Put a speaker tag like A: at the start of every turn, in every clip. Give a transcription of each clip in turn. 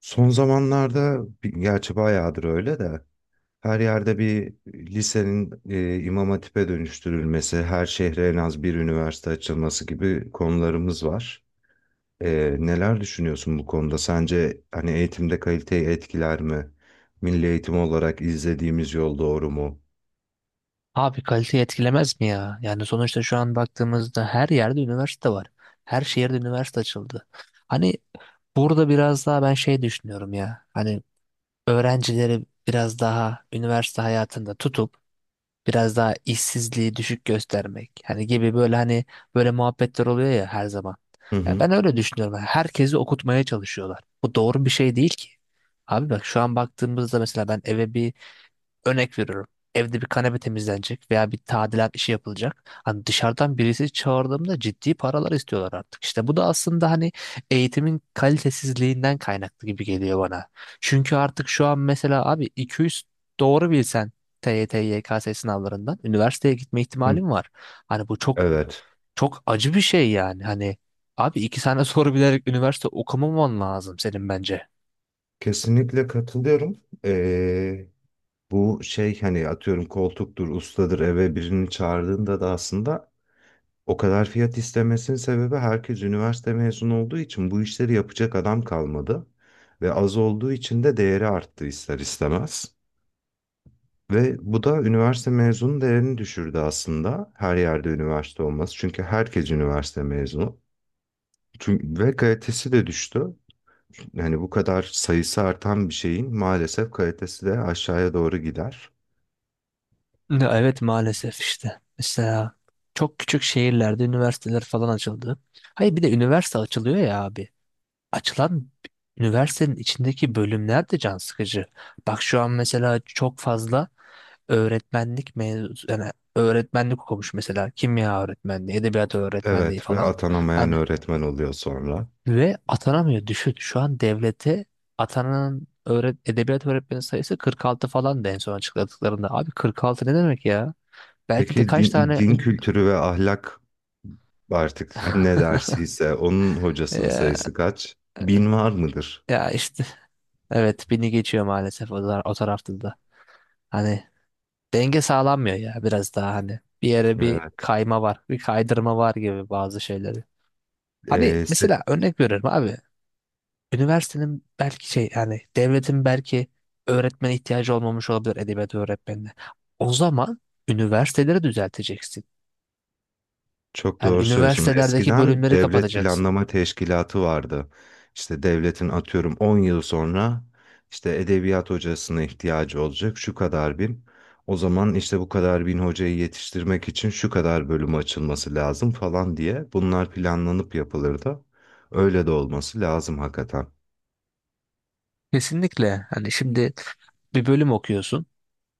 A: Son zamanlarda gerçi bayağıdır öyle de her yerde bir lisenin İmam Hatip'e dönüştürülmesi, her şehre en az bir üniversite açılması gibi konularımız var. Neler düşünüyorsun bu konuda? Sence hani eğitimde kaliteyi etkiler mi? Milli eğitim olarak izlediğimiz yol doğru mu?
B: Abi kaliteyi etkilemez mi ya? Yani sonuçta şu an baktığımızda her yerde üniversite var. Her şehirde üniversite açıldı. Hani burada biraz daha ben şey düşünüyorum ya. Hani öğrencileri biraz daha üniversite hayatında tutup biraz daha işsizliği düşük göstermek. Hani gibi böyle hani böyle muhabbetler oluyor ya her zaman.
A: Hı
B: Ya
A: hı.
B: ben öyle düşünüyorum. Yani herkesi okutmaya çalışıyorlar. Bu doğru bir şey değil ki. Abi bak şu an baktığımızda mesela ben eve bir örnek veriyorum. Evde bir kanepe temizlenecek veya bir tadilat işi yapılacak. Hani dışarıdan birisi çağırdığımda ciddi paralar istiyorlar artık. İşte bu da aslında hani eğitimin kalitesizliğinden kaynaklı gibi geliyor bana. Çünkü artık şu an mesela abi 200 doğru bilsen TYT, YKS sınavlarından üniversiteye gitme
A: Hı.
B: ihtimalim var. Hani bu çok
A: Evet,
B: çok acı bir şey yani. Hani abi iki tane soru bilerek üniversite okumaman lazım senin bence.
A: kesinlikle katılıyorum. E, Bu şey hani atıyorum koltuktur, ustadır eve birini çağırdığında da aslında o kadar fiyat istemesinin sebebi herkes üniversite mezunu olduğu için bu işleri yapacak adam kalmadı. Ve az olduğu için de değeri arttı ister istemez. Ve bu da üniversite mezunu değerini düşürdü aslında. Her yerde üniversite olması. Çünkü herkes üniversite mezunu. Ve kalitesi de düştü. Yani bu kadar sayısı artan bir şeyin maalesef kalitesi de aşağıya doğru gider.
B: Ya, evet maalesef işte. Mesela çok küçük şehirlerde üniversiteler falan açıldı. Hayır bir de üniversite açılıyor ya abi. Açılan üniversitenin içindeki bölümler de can sıkıcı. Bak şu an mesela çok fazla öğretmenlik mevzu yani öğretmenlik okumuş mesela kimya öğretmenliği, edebiyat öğretmenliği
A: Evet, ve
B: falan.
A: atanamayan
B: Hani
A: öğretmen oluyor sonra.
B: ve atanamıyor düşün. Şu an devlete atanan edebiyat öğretmeni sayısı 46 falan da en son açıkladıklarında. Abi 46 ne demek ya? Belki
A: Peki
B: de kaç
A: din,
B: tane
A: din kültürü ve ahlak artık ne dersiyse onun hocasının
B: ya,
A: sayısı kaç? Bin var mıdır?
B: ya işte evet beni geçiyor maalesef o, o tarafta da. Hani denge sağlanmıyor ya biraz daha hani bir yere bir
A: Evet.
B: kayma var, bir kaydırma var gibi bazı şeyleri. Hani
A: Ee, se-
B: mesela örnek veriyorum abi. Üniversitenin belki şey yani devletin belki öğretmene ihtiyacı olmamış olabilir edebiyat öğretmenine. O zaman üniversiteleri düzelteceksin.
A: Çok
B: Yani
A: doğru söylüyorsun.
B: üniversitelerdeki
A: Eskiden
B: bölümleri
A: devlet
B: kapatacaksın.
A: planlama teşkilatı vardı. İşte devletin atıyorum 10 yıl sonra işte edebiyat hocasına ihtiyacı olacak şu kadar bin. O zaman işte bu kadar bin hocayı yetiştirmek için şu kadar bölüm açılması lazım falan diye bunlar planlanıp yapılırdı. Öyle de olması lazım hakikaten.
B: Kesinlikle. Hani şimdi bir bölüm okuyorsun,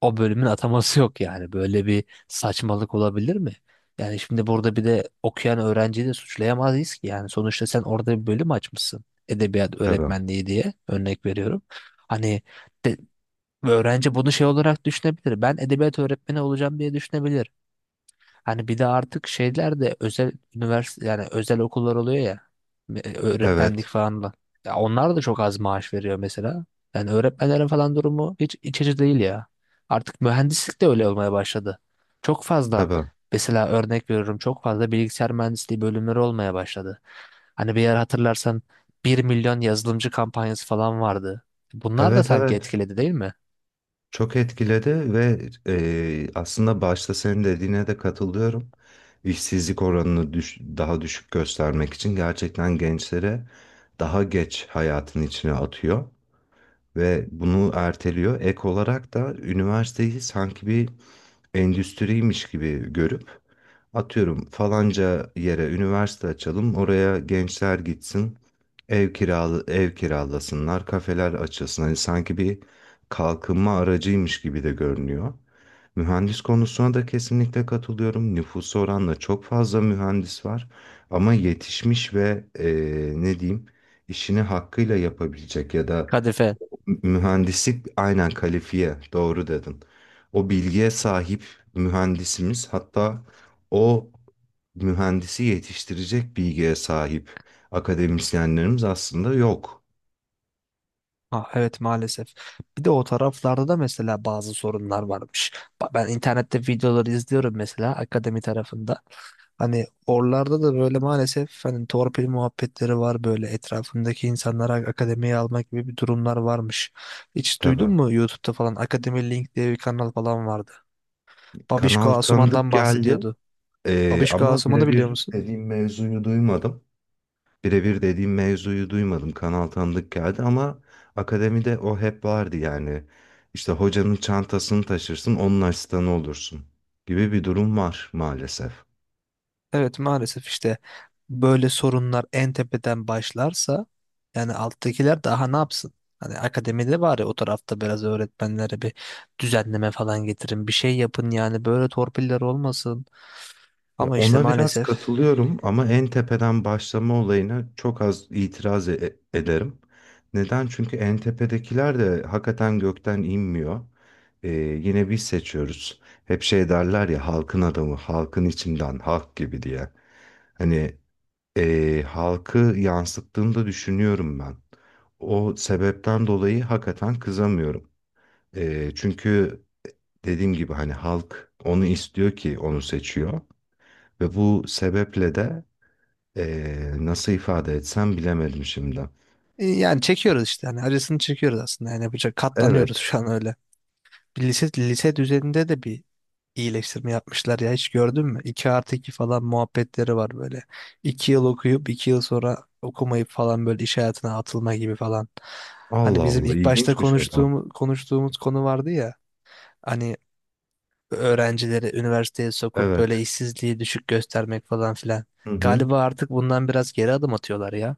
B: o bölümün ataması yok yani. Böyle bir saçmalık olabilir mi? Yani şimdi burada bir de okuyan öğrenciyi de suçlayamayız ki. Yani sonuçta sen orada bir bölüm açmışsın. Edebiyat
A: Tabii.
B: öğretmenliği diye örnek veriyorum. Hani de, öğrenci bunu şey olarak düşünebilir. Ben edebiyat öğretmeni olacağım diye düşünebilir. Hani bir de artık şeyler de özel üniversite yani özel okullar oluyor ya öğretmenlik
A: Evet.
B: falan da. Ya onlar da çok az maaş veriyor mesela. Yani öğretmenlerin falan durumu hiç iç açıcı değil ya. Artık mühendislik de öyle olmaya başladı. Çok fazla
A: Tabii.
B: mesela örnek veriyorum çok fazla bilgisayar mühendisliği bölümleri olmaya başladı. Hani bir yer hatırlarsan 1.000.000 yazılımcı kampanyası falan vardı. Bunlar da
A: Evet,
B: sanki
A: evet.
B: etkiledi değil mi?
A: Çok etkiledi ve aslında başta senin dediğine de katılıyorum. İşsizlik oranını daha düşük göstermek için gerçekten gençlere daha geç hayatın içine atıyor ve bunu erteliyor. Ek olarak da üniversiteyi sanki bir endüstriymiş gibi görüp atıyorum falanca yere üniversite açalım, oraya gençler gitsin, ev kiralasınlar, kafeler açılsın. Hani sanki bir kalkınma aracıymış gibi de görünüyor. Mühendis konusuna da kesinlikle katılıyorum. Nüfusa oranla çok fazla mühendis var, ama yetişmiş ve ne diyeyim, işini hakkıyla yapabilecek ya da...
B: Kadife.
A: Mühendislik, aynen, kalifiye doğru dedin. O bilgiye sahip mühendisimiz, hatta o mühendisi yetiştirecek bilgiye sahip akademisyenlerimiz aslında yok.
B: Ha, evet maalesef. Bir de o taraflarda da mesela bazı sorunlar varmış. Ben internette videoları izliyorum mesela akademi tarafında. Hani oralarda da böyle maalesef hani torpil muhabbetleri var böyle etrafındaki insanlara akademiye almak gibi bir durumlar varmış. Hiç duydun
A: Tabii.
B: mu YouTube'da falan Akademi Link diye bir kanal falan vardı. Babişko
A: Kanal tanıdık
B: Asuman'dan
A: geldi,
B: bahsediyordu. Babişko
A: ama
B: Asuman'ı biliyor
A: birebir
B: musun?
A: dediğim mevzuyu duymadım. Birebir dediğim mevzuyu duymadım. Kanal tanıdık geldi ama akademide o hep vardı yani. İşte hocanın çantasını taşırsın, onun asistanı olursun gibi bir durum var maalesef.
B: Evet maalesef işte böyle sorunlar en tepeden başlarsa yani alttakiler daha ne yapsın? Hani akademide bari o tarafta biraz öğretmenlere bir düzenleme falan getirin. Bir şey yapın yani böyle torpiller olmasın.
A: Ya,
B: Ama işte
A: ona biraz
B: maalesef
A: katılıyorum ama en tepeden başlama olayına çok az itiraz ederim. Neden? Çünkü en tepedekiler de hakikaten gökten inmiyor. Yine biz seçiyoruz. Hep şey derler ya, halkın adamı, halkın içinden, halk gibi diye. Hani halkı yansıttığını da düşünüyorum ben. O sebepten dolayı hakikaten kızamıyorum. Çünkü dediğim gibi hani halk onu istiyor ki onu seçiyor ve bu sebeple de nasıl ifade etsem bilemedim şimdi.
B: yani çekiyoruz işte hani acısını çekiyoruz aslında yani yapacak katlanıyoruz
A: Evet.
B: şu an öyle. Bir lise düzeninde de bir iyileştirme yapmışlar ya hiç gördün mü? 2 artı 2 falan muhabbetleri var böyle. 2 yıl okuyup 2 yıl sonra okumayıp falan böyle iş hayatına atılma gibi falan.
A: Allah
B: Hani bizim
A: Allah,
B: ilk başta
A: ilginçmiş o da.
B: konuştuğumuz konu vardı ya. Hani öğrencileri üniversiteye sokup böyle
A: Evet.
B: işsizliği düşük göstermek falan filan.
A: Hı hı.
B: Galiba artık bundan biraz geri adım atıyorlar ya.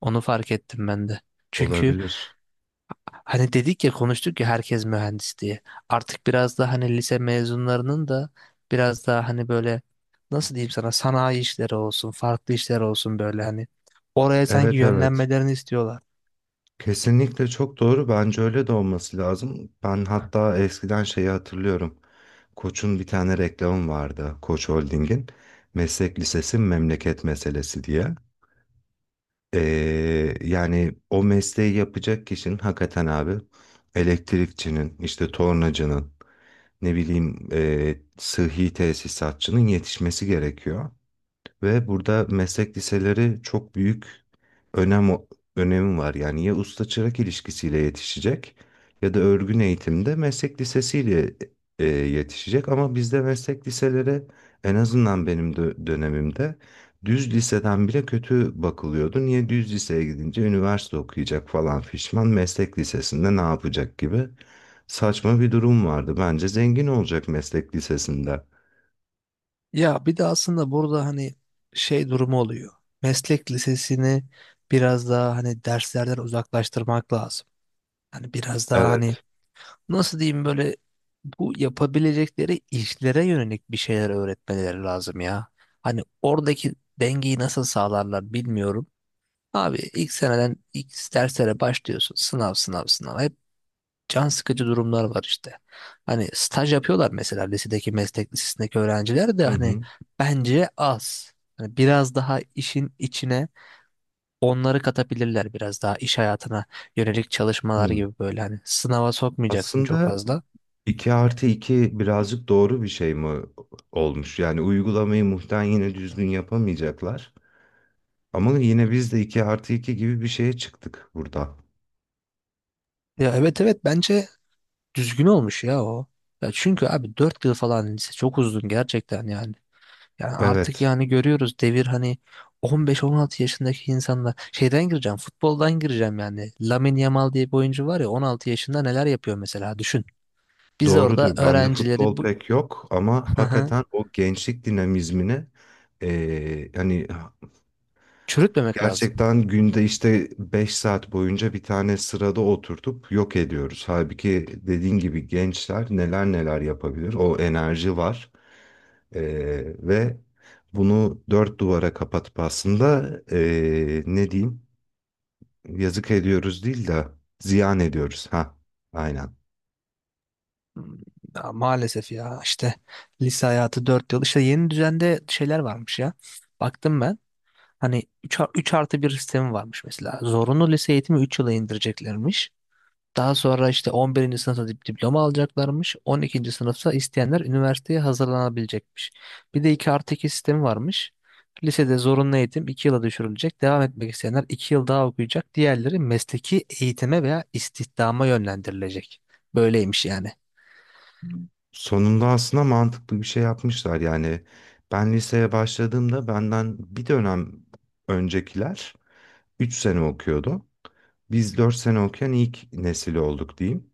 B: Onu fark ettim ben de. Çünkü
A: Olabilir.
B: hani dedik ya konuştuk ya herkes mühendis diye. Artık biraz daha hani lise mezunlarının da biraz daha hani böyle nasıl diyeyim sana sanayi işleri olsun, farklı işler olsun böyle hani oraya sanki
A: Evet, evet.
B: yönlenmelerini istiyorlar.
A: Kesinlikle çok doğru. Bence öyle de olması lazım. Ben hatta eskiden şeyi hatırlıyorum. Koç'un bir tane reklamı vardı. Koç Holding'in. Meslek lisesi memleket meselesi diye. Yani o mesleği yapacak kişinin hakikaten abi elektrikçinin, işte tornacının, ne bileyim sıhhi tesisatçının yetişmesi gerekiyor. Ve burada meslek liseleri çok büyük önem önemi var. Yani ya usta çırak ilişkisiyle yetişecek ya da örgün eğitimde meslek lisesiyle yetişecek. Ama bizde meslek liseleri, en azından benim dönemimde, düz liseden bile kötü bakılıyordu. Niye? Düz liseye gidince üniversite okuyacak falan fişman, meslek lisesinde ne yapacak gibi saçma bir durum vardı. Bence zengin olacak meslek lisesinde.
B: Ya bir de aslında burada hani şey durumu oluyor. Meslek lisesini biraz daha hani derslerden uzaklaştırmak lazım. Hani biraz daha hani
A: Evet.
B: nasıl diyeyim böyle bu yapabilecekleri işlere yönelik bir şeyler öğretmeleri lazım ya. Hani oradaki dengeyi nasıl sağlarlar bilmiyorum. Abi ilk seneden ilk derslere başlıyorsun. Sınav sınav sınav. Hep can sıkıcı durumlar var işte. Hani staj yapıyorlar mesela meslek lisesindeki öğrenciler de
A: Hı
B: hani
A: hı.
B: bence az. Hani biraz daha işin içine onları katabilirler biraz daha iş hayatına yönelik çalışmalar
A: Hı.
B: gibi böyle hani sınava sokmayacaksın çok
A: Aslında
B: fazla.
A: 2 artı 2 birazcık doğru bir şey mi olmuş? Yani uygulamayı muhtemelen yine düzgün yapamayacaklar. Ama yine biz de 2 artı 2 gibi bir şeye çıktık burada.
B: Ya evet evet bence düzgün olmuş ya o. Ya çünkü abi 4 yıl falan lise çok uzun gerçekten yani. Yani artık
A: Evet,
B: yani görüyoruz devir hani 15-16 yaşındaki insanlar şeyden gireceğim futboldan gireceğim yani. Lamine Yamal diye bir oyuncu var ya 16 yaşında neler yapıyor mesela düşün. Biz orada
A: doğrudur. Bende
B: öğrencileri
A: futbol
B: bu,
A: pek yok ama
B: hı hı.
A: hakikaten o gençlik dinamizmini hani
B: Çürütmemek lazım.
A: gerçekten günde işte 5 saat boyunca bir tane sırada oturtup yok ediyoruz. Halbuki dediğin gibi gençler neler neler yapabilir. O enerji var. Ve bunu dört duvara kapatıp aslında ne diyeyim, yazık ediyoruz değil de ziyan ediyoruz. Ha, aynen.
B: Hmm, ya maalesef ya işte lise hayatı 4 yıl. İşte yeni düzende şeyler varmış ya. Baktım ben. Hani 3 artı bir sistemi varmış mesela. Zorunlu lise eğitimi 3 yıla indireceklermiş. Daha sonra işte 11'inci sınıfta diploma alacaklarmış. 12'nci sınıfta isteyenler üniversiteye hazırlanabilecekmiş. Bir de 2 artı 2 sistemi varmış. Lisede zorunlu eğitim 2 yıla düşürülecek. Devam etmek isteyenler 2 yıl daha okuyacak. Diğerleri mesleki eğitime veya istihdama yönlendirilecek. Böyleymiş yani.
A: Sonunda aslında mantıklı bir şey yapmışlar. Yani ben liseye başladığımda benden bir dönem öncekiler 3 sene okuyordu. Biz 4 sene okuyan ilk nesil olduk diyeyim.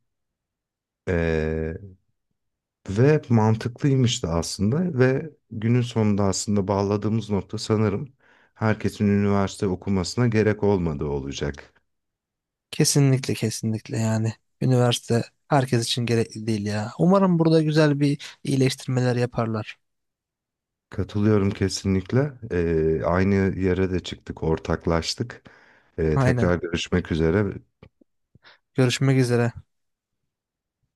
A: Ee, Ve mantıklıymış da aslında, ve günün sonunda aslında bağladığımız nokta sanırım herkesin üniversite okumasına gerek olmadığı olacak.
B: Kesinlikle kesinlikle yani. Üniversite herkes için gerekli değil ya. Umarım burada güzel bir iyileştirmeler yaparlar.
A: Katılıyorum kesinlikle. Aynı yere de çıktık, ortaklaştık.
B: Aynen.
A: Tekrar görüşmek üzere.
B: Görüşmek üzere.